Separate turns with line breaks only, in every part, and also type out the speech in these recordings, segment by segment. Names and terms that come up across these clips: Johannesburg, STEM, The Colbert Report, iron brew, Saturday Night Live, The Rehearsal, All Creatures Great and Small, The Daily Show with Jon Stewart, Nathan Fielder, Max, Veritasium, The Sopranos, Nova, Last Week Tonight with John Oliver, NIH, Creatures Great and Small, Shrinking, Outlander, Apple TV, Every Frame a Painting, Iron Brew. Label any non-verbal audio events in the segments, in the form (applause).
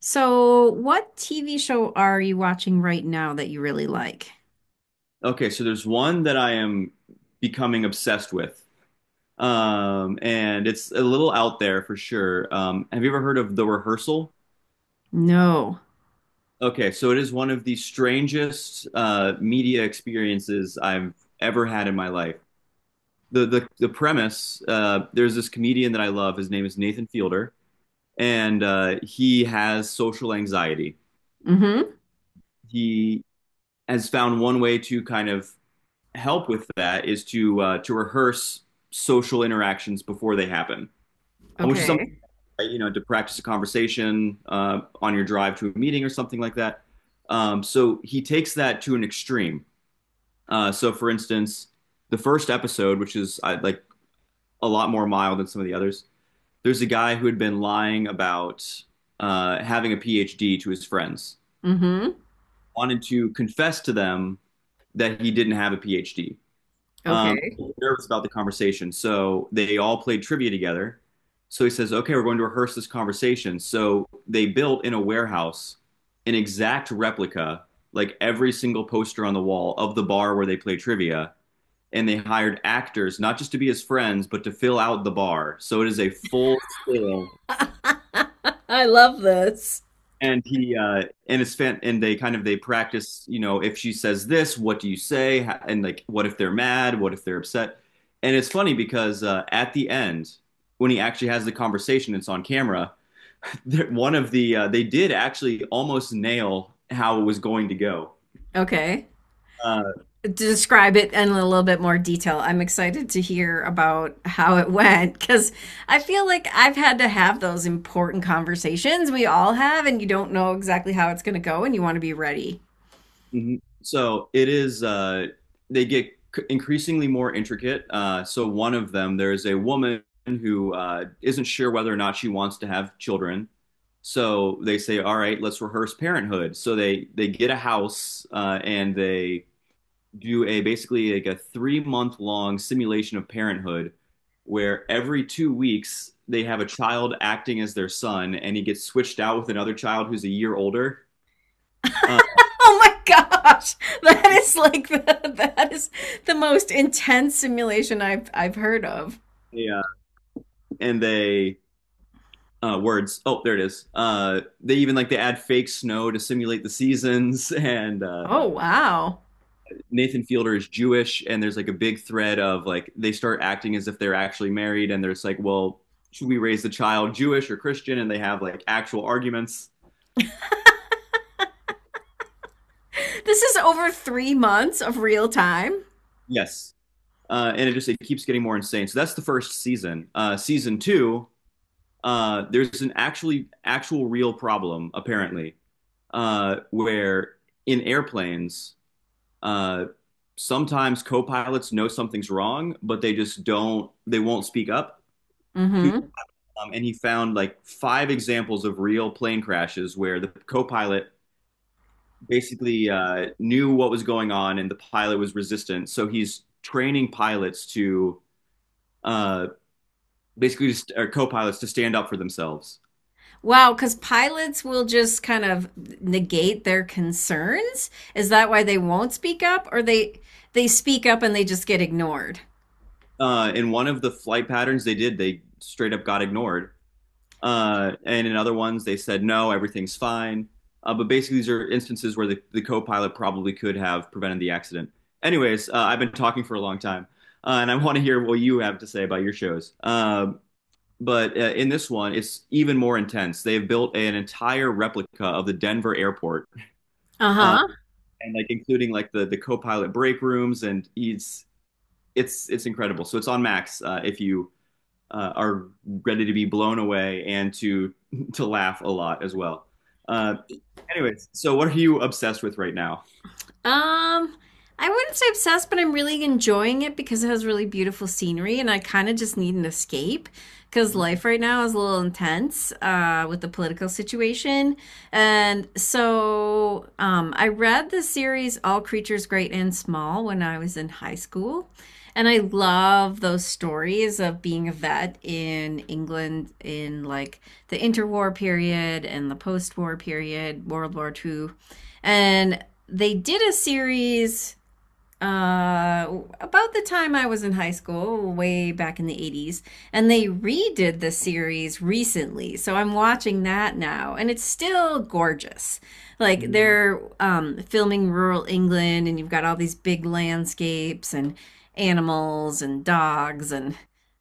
So, what TV show are you watching right now that you really like?
Okay, so there's one that I am becoming obsessed with. And it's a little out there for sure. Have you ever heard of The Rehearsal?
No.
Okay, so it is one of the strangest media experiences I've ever had in my life. The premise there's this comedian that I love. His name is Nathan Fielder, and he has social anxiety.
Mm-hmm.
He has found one way to kind of help with that is to rehearse social interactions before they happen, which is something,
Okay.
right, to practice a conversation on your drive to a meeting or something like that. So he takes that to an extreme. So for instance, the first episode, which is like a lot more mild than some of the others, there's a guy who had been lying about having a PhD to his friends,
Mm-hmm.
wanted to confess to them that he didn't have a PhD. Um,
Okay.
Nervous about the conversation. So they all played trivia together. So he says, okay, we're going to rehearse this conversation. So they built in a warehouse an exact replica, like every single poster on the wall of the bar where they play trivia. And they hired actors, not just to be his friends, but to fill out the bar. So it is a full scale.
(laughs) I love this.
And he and it's fan And they kind of they practice. If she says this, what do you say? And, like, what if they're mad? What if they're upset? And it's funny because at the end, when he actually has the conversation, it's on camera (laughs) that one of the they did actually almost nail how it was going to go.
Okay.
uh
Describe it in a little bit more detail. I'm excited to hear about how it went, because I feel like I've had to have those important conversations we all have, and you don't know exactly how it's going to go, and you want to be ready.
Mhm. They get increasingly more intricate. So one of them, there is a woman who isn't sure whether or not she wants to have children. So they say, all right, let's rehearse parenthood. So they get a house, and they do a basically like a 3-month long simulation of parenthood, where every 2 weeks they have a child acting as their son, and he gets switched out with another child who's a year older. Uh,
Oh my gosh, (laughs) that is like the that is the most intense simulation I've heard of.
yeah, and they words. Oh, there it is. They even, like they add fake snow to simulate the seasons. (laughs) And
Oh wow,
Nathan Fielder is Jewish, and there's like a big thread of like they start acting as if they're actually married, and there's like, well, should we raise the child Jewish or Christian? And they have like actual arguments.
this is over 3 months of real time.
Yes. And it just it keeps getting more insane. So that's the first season. Season two, there's an actual real problem apparently, where in airplanes, uh, sometimes co-pilots know something's wrong, but they just don't, they won't speak up.
Hmm.
And he found like 5 examples of real plane crashes where the co-pilot basically knew what was going on and the pilot was resistant. So he's training pilots to uh, basically just or co-pilots to stand up for themselves.
Wow, because pilots will just kind of negate their concerns. Is that why they won't speak up, or they speak up and they just get ignored?
In one of the flight patterns they did, they straight up got ignored. And in other ones, they said, no, everything's fine. But basically, these are instances where the co pilot probably could have prevented the accident. Anyways, I've been talking for a long time, and I want to hear what you have to say about your shows. But in this one, it's even more intense. They have built an entire replica of the Denver airport,
Uh
uh,
huh.
and like including like the co-pilot break rooms, and it's incredible. So it's on Max, if you are ready to be blown away and to (laughs) to laugh a lot as well. Uh, anyways, so what are you obsessed with right now?
Um, I wouldn't say obsessed, but I'm really enjoying it because it has really beautiful scenery, and I kind of just need an escape because life right now is a little intense with the political situation. And so I read the series All Creatures Great and Small when I was in high school. And I love those stories of being a vet in England in like the interwar period and the post war period, World War Two, and they did a series uh, about the time I was in high school, way back in the 80s, and they redid the series recently. So I'm watching that now, and it's still gorgeous. Like
Mhm.
they're filming rural England, and you've got all these big landscapes and animals and dogs, and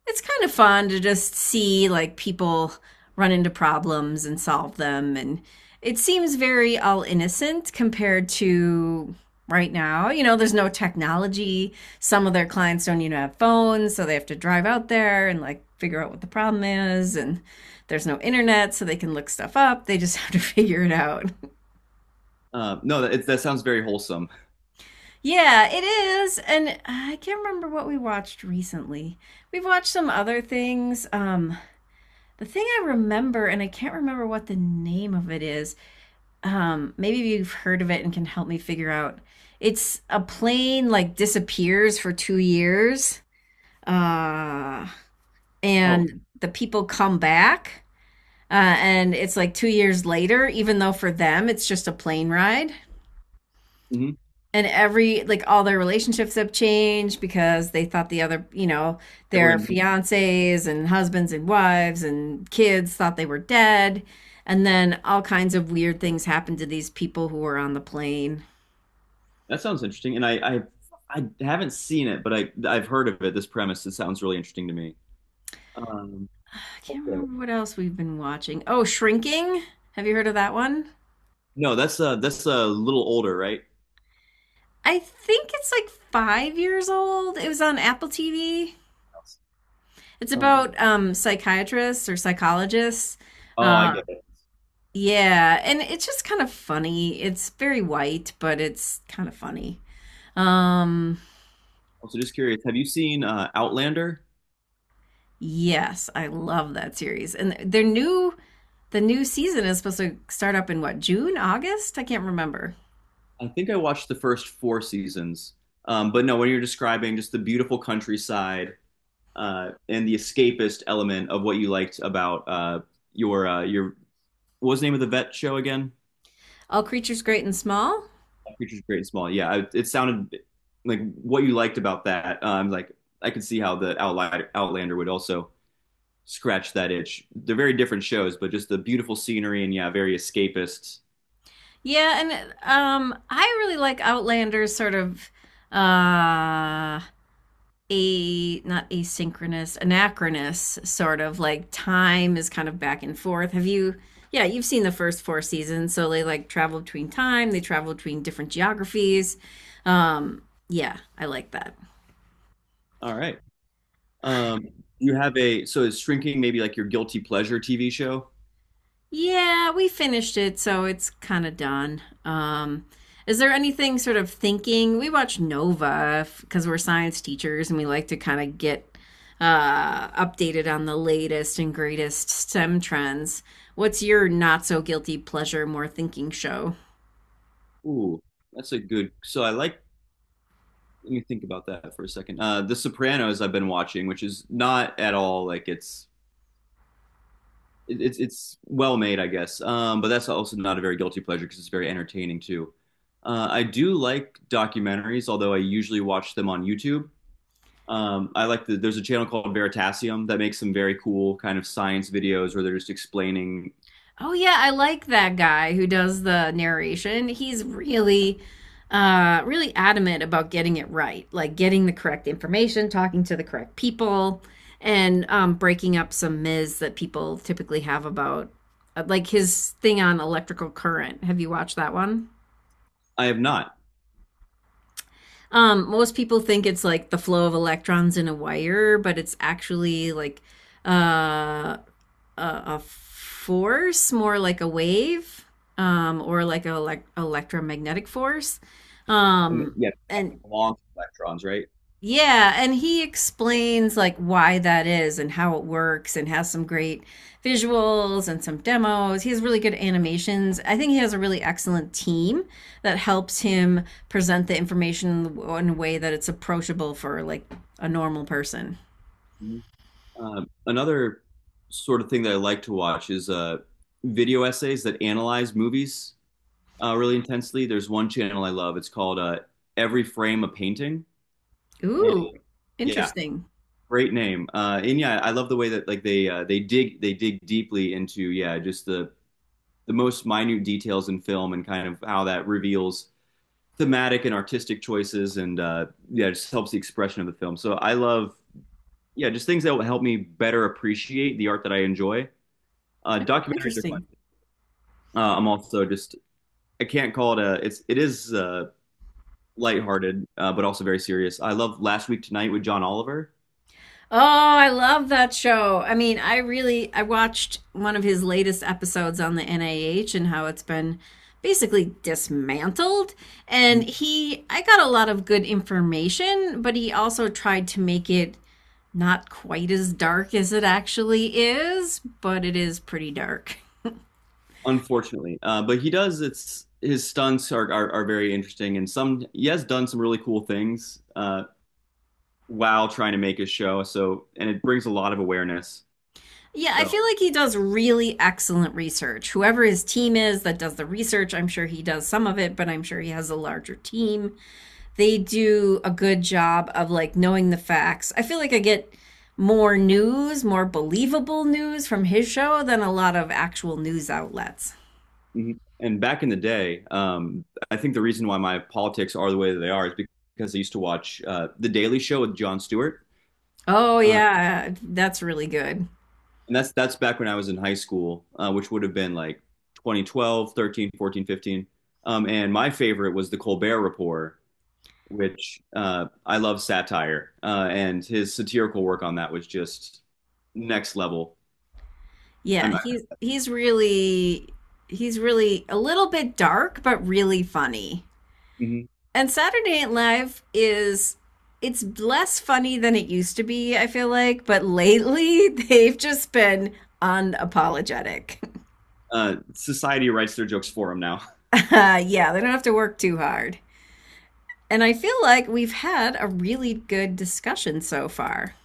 it's kind of fun to just see like people run into problems and solve them. And it seems very all innocent compared to right now. You know, there's no technology. Some of their clients don't even have phones, so they have to drive out there and like figure out what the problem is. And there's no internet, so they can look stuff up. They just (laughs) have to figure it out.
No, that sounds very wholesome.
(laughs) Yeah, it is. And I can't remember what we watched recently. We've watched some other things. The thing I remember, and I can't remember what the name of it is. Maybe you've heard of it and can help me figure out. It's a plane like disappears for 2 years. Uh,
Oh.
and the people come back, and it's like 2 years later, even though for them it's just a plane ride.
Mhm.
And every, like, all their relationships have changed because they thought the other, you know, their
Everyone-
fiancés and husbands and wives and kids thought they were dead. And then all kinds of weird things happen to these people who were on the plane.
that sounds interesting, and I haven't seen it, but I've heard of it. This premise, it sounds really interesting to me. Um,
I can't
also-
remember what else we've been watching. Oh, Shrinking. Have you heard of that one?
no, that's a little older, right?
I think it's like 5 years old. It was on Apple TV. It's
Uh,
about psychiatrists or psychologists.
oh, I
Uh,
get it.
yeah, and it's just kind of funny. It's very white, but it's kind of funny. Um,
Also, just curious, have you seen Outlander?
yes, I love that series. And their new season is supposed to start up in what, June, August? I can't remember.
I think I watched the first four seasons. But no, when you're describing just the beautiful countryside, and the escapist element of what you liked about your what was the name of the vet show again?
All creatures great and small.
Creatures Great and Small. Yeah, it sounded like what you liked about that. Like I could see how the Outlander would also scratch that itch. They're very different shows, but just the beautiful scenery, and yeah, very escapist.
Yeah, and I really like Outlander's sort of uh a not asynchronous, anachronous sort of like time is kind of back and forth. Have you? Yeah, you've seen the first four seasons, so they like travel between time. They travel between different geographies. Um, yeah, I like that.
All right. Um, you have a So is Shrinking maybe like your guilty pleasure TV show?
Yeah, we finished it, so it's kind of done. Is there anything sort of thinking? We watch Nova because we're science teachers and we like to kind of get updated on the latest and greatest STEM trends. What's your not so guilty pleasure, more thinking show?
Ooh, that's a good. So I like. Let me think about that for a second. The Sopranos I've been watching, which is not at all like it's it- it's well made, I guess. But that's also not a very guilty pleasure because it's very entertaining too. I do like documentaries, although I usually watch them on YouTube. I like the There's a channel called Veritasium that makes some very cool kind of science videos where they're just explaining.
Oh yeah, I like that guy who does the narration. He's really adamant about getting it right, like getting the correct information, talking to the correct people, and breaking up some myths that people typically have about like his thing on electrical current. Have you watched that one?
I have not.
Most people think it's like the flow of electrons in a wire, but it's actually like uh a force, more like a wave, or like an electromagnetic force. Um,
Yeah,
and
long electrons, right?
yeah, and he explains like why that is and how it works and has some great visuals and some demos. He has really good animations. I think he has a really excellent team that helps him present the information in a way that it's approachable for like a normal person.
Another sort of thing that I like to watch is video essays that analyze movies really intensely. There's one channel I love. It's called Every Frame a Painting. And
Ooh,
yeah,
interesting.
great name. And yeah, I love the way that, like, they dig deeply into, yeah, just the most minute details in film and kind of how that reveals thematic and artistic choices, and yeah, just helps the expression of the film. So I love, yeah, just things that will help me better appreciate the art that I enjoy.
Oh,
Documentaries are fun.
interesting.
I'm also just I can't call it a it's it is, lighthearted, but also very serious. I love Last Week Tonight with John Oliver,
Oh, I love that show. I mean, I really I watched one of his latest episodes on the NIH and how it's been basically dismantled, and he I got a lot of good information, but he also tried to make it not quite as dark as it actually is, but it is pretty dark.
unfortunately, but he does it's His stunts are very interesting, and some he has done some really cool things, while trying to make his show. And it brings a lot of awareness.
Yeah, I
So
feel like he does really excellent research. Whoever his team is that does the research, I'm sure he does some of it, but I'm sure he has a larger team. They do a good job of like knowing the facts. I feel like I get more news, more believable news from his show than a lot of actual news outlets.
mhm. And back in the day, I think the reason why my politics are the way that they are is because I used to watch The Daily Show with Jon Stewart.
Oh
Uh,
yeah, that's really good.
and that's back when I was in high school, which would have been like 2012, 13, 14, 15. And my favorite was the Colbert Report, which I love satire, and his satirical work on that was just next level.
Yeah,
I'm,
he's really a little bit dark but really funny. And Saturday Night Live is it's less funny than it used to be, I feel like, but lately (laughs) they've just been unapologetic.
Society writes their jokes for him now.
(laughs) Yeah, they don't have to work too hard. And I feel like we've had a really good discussion so far.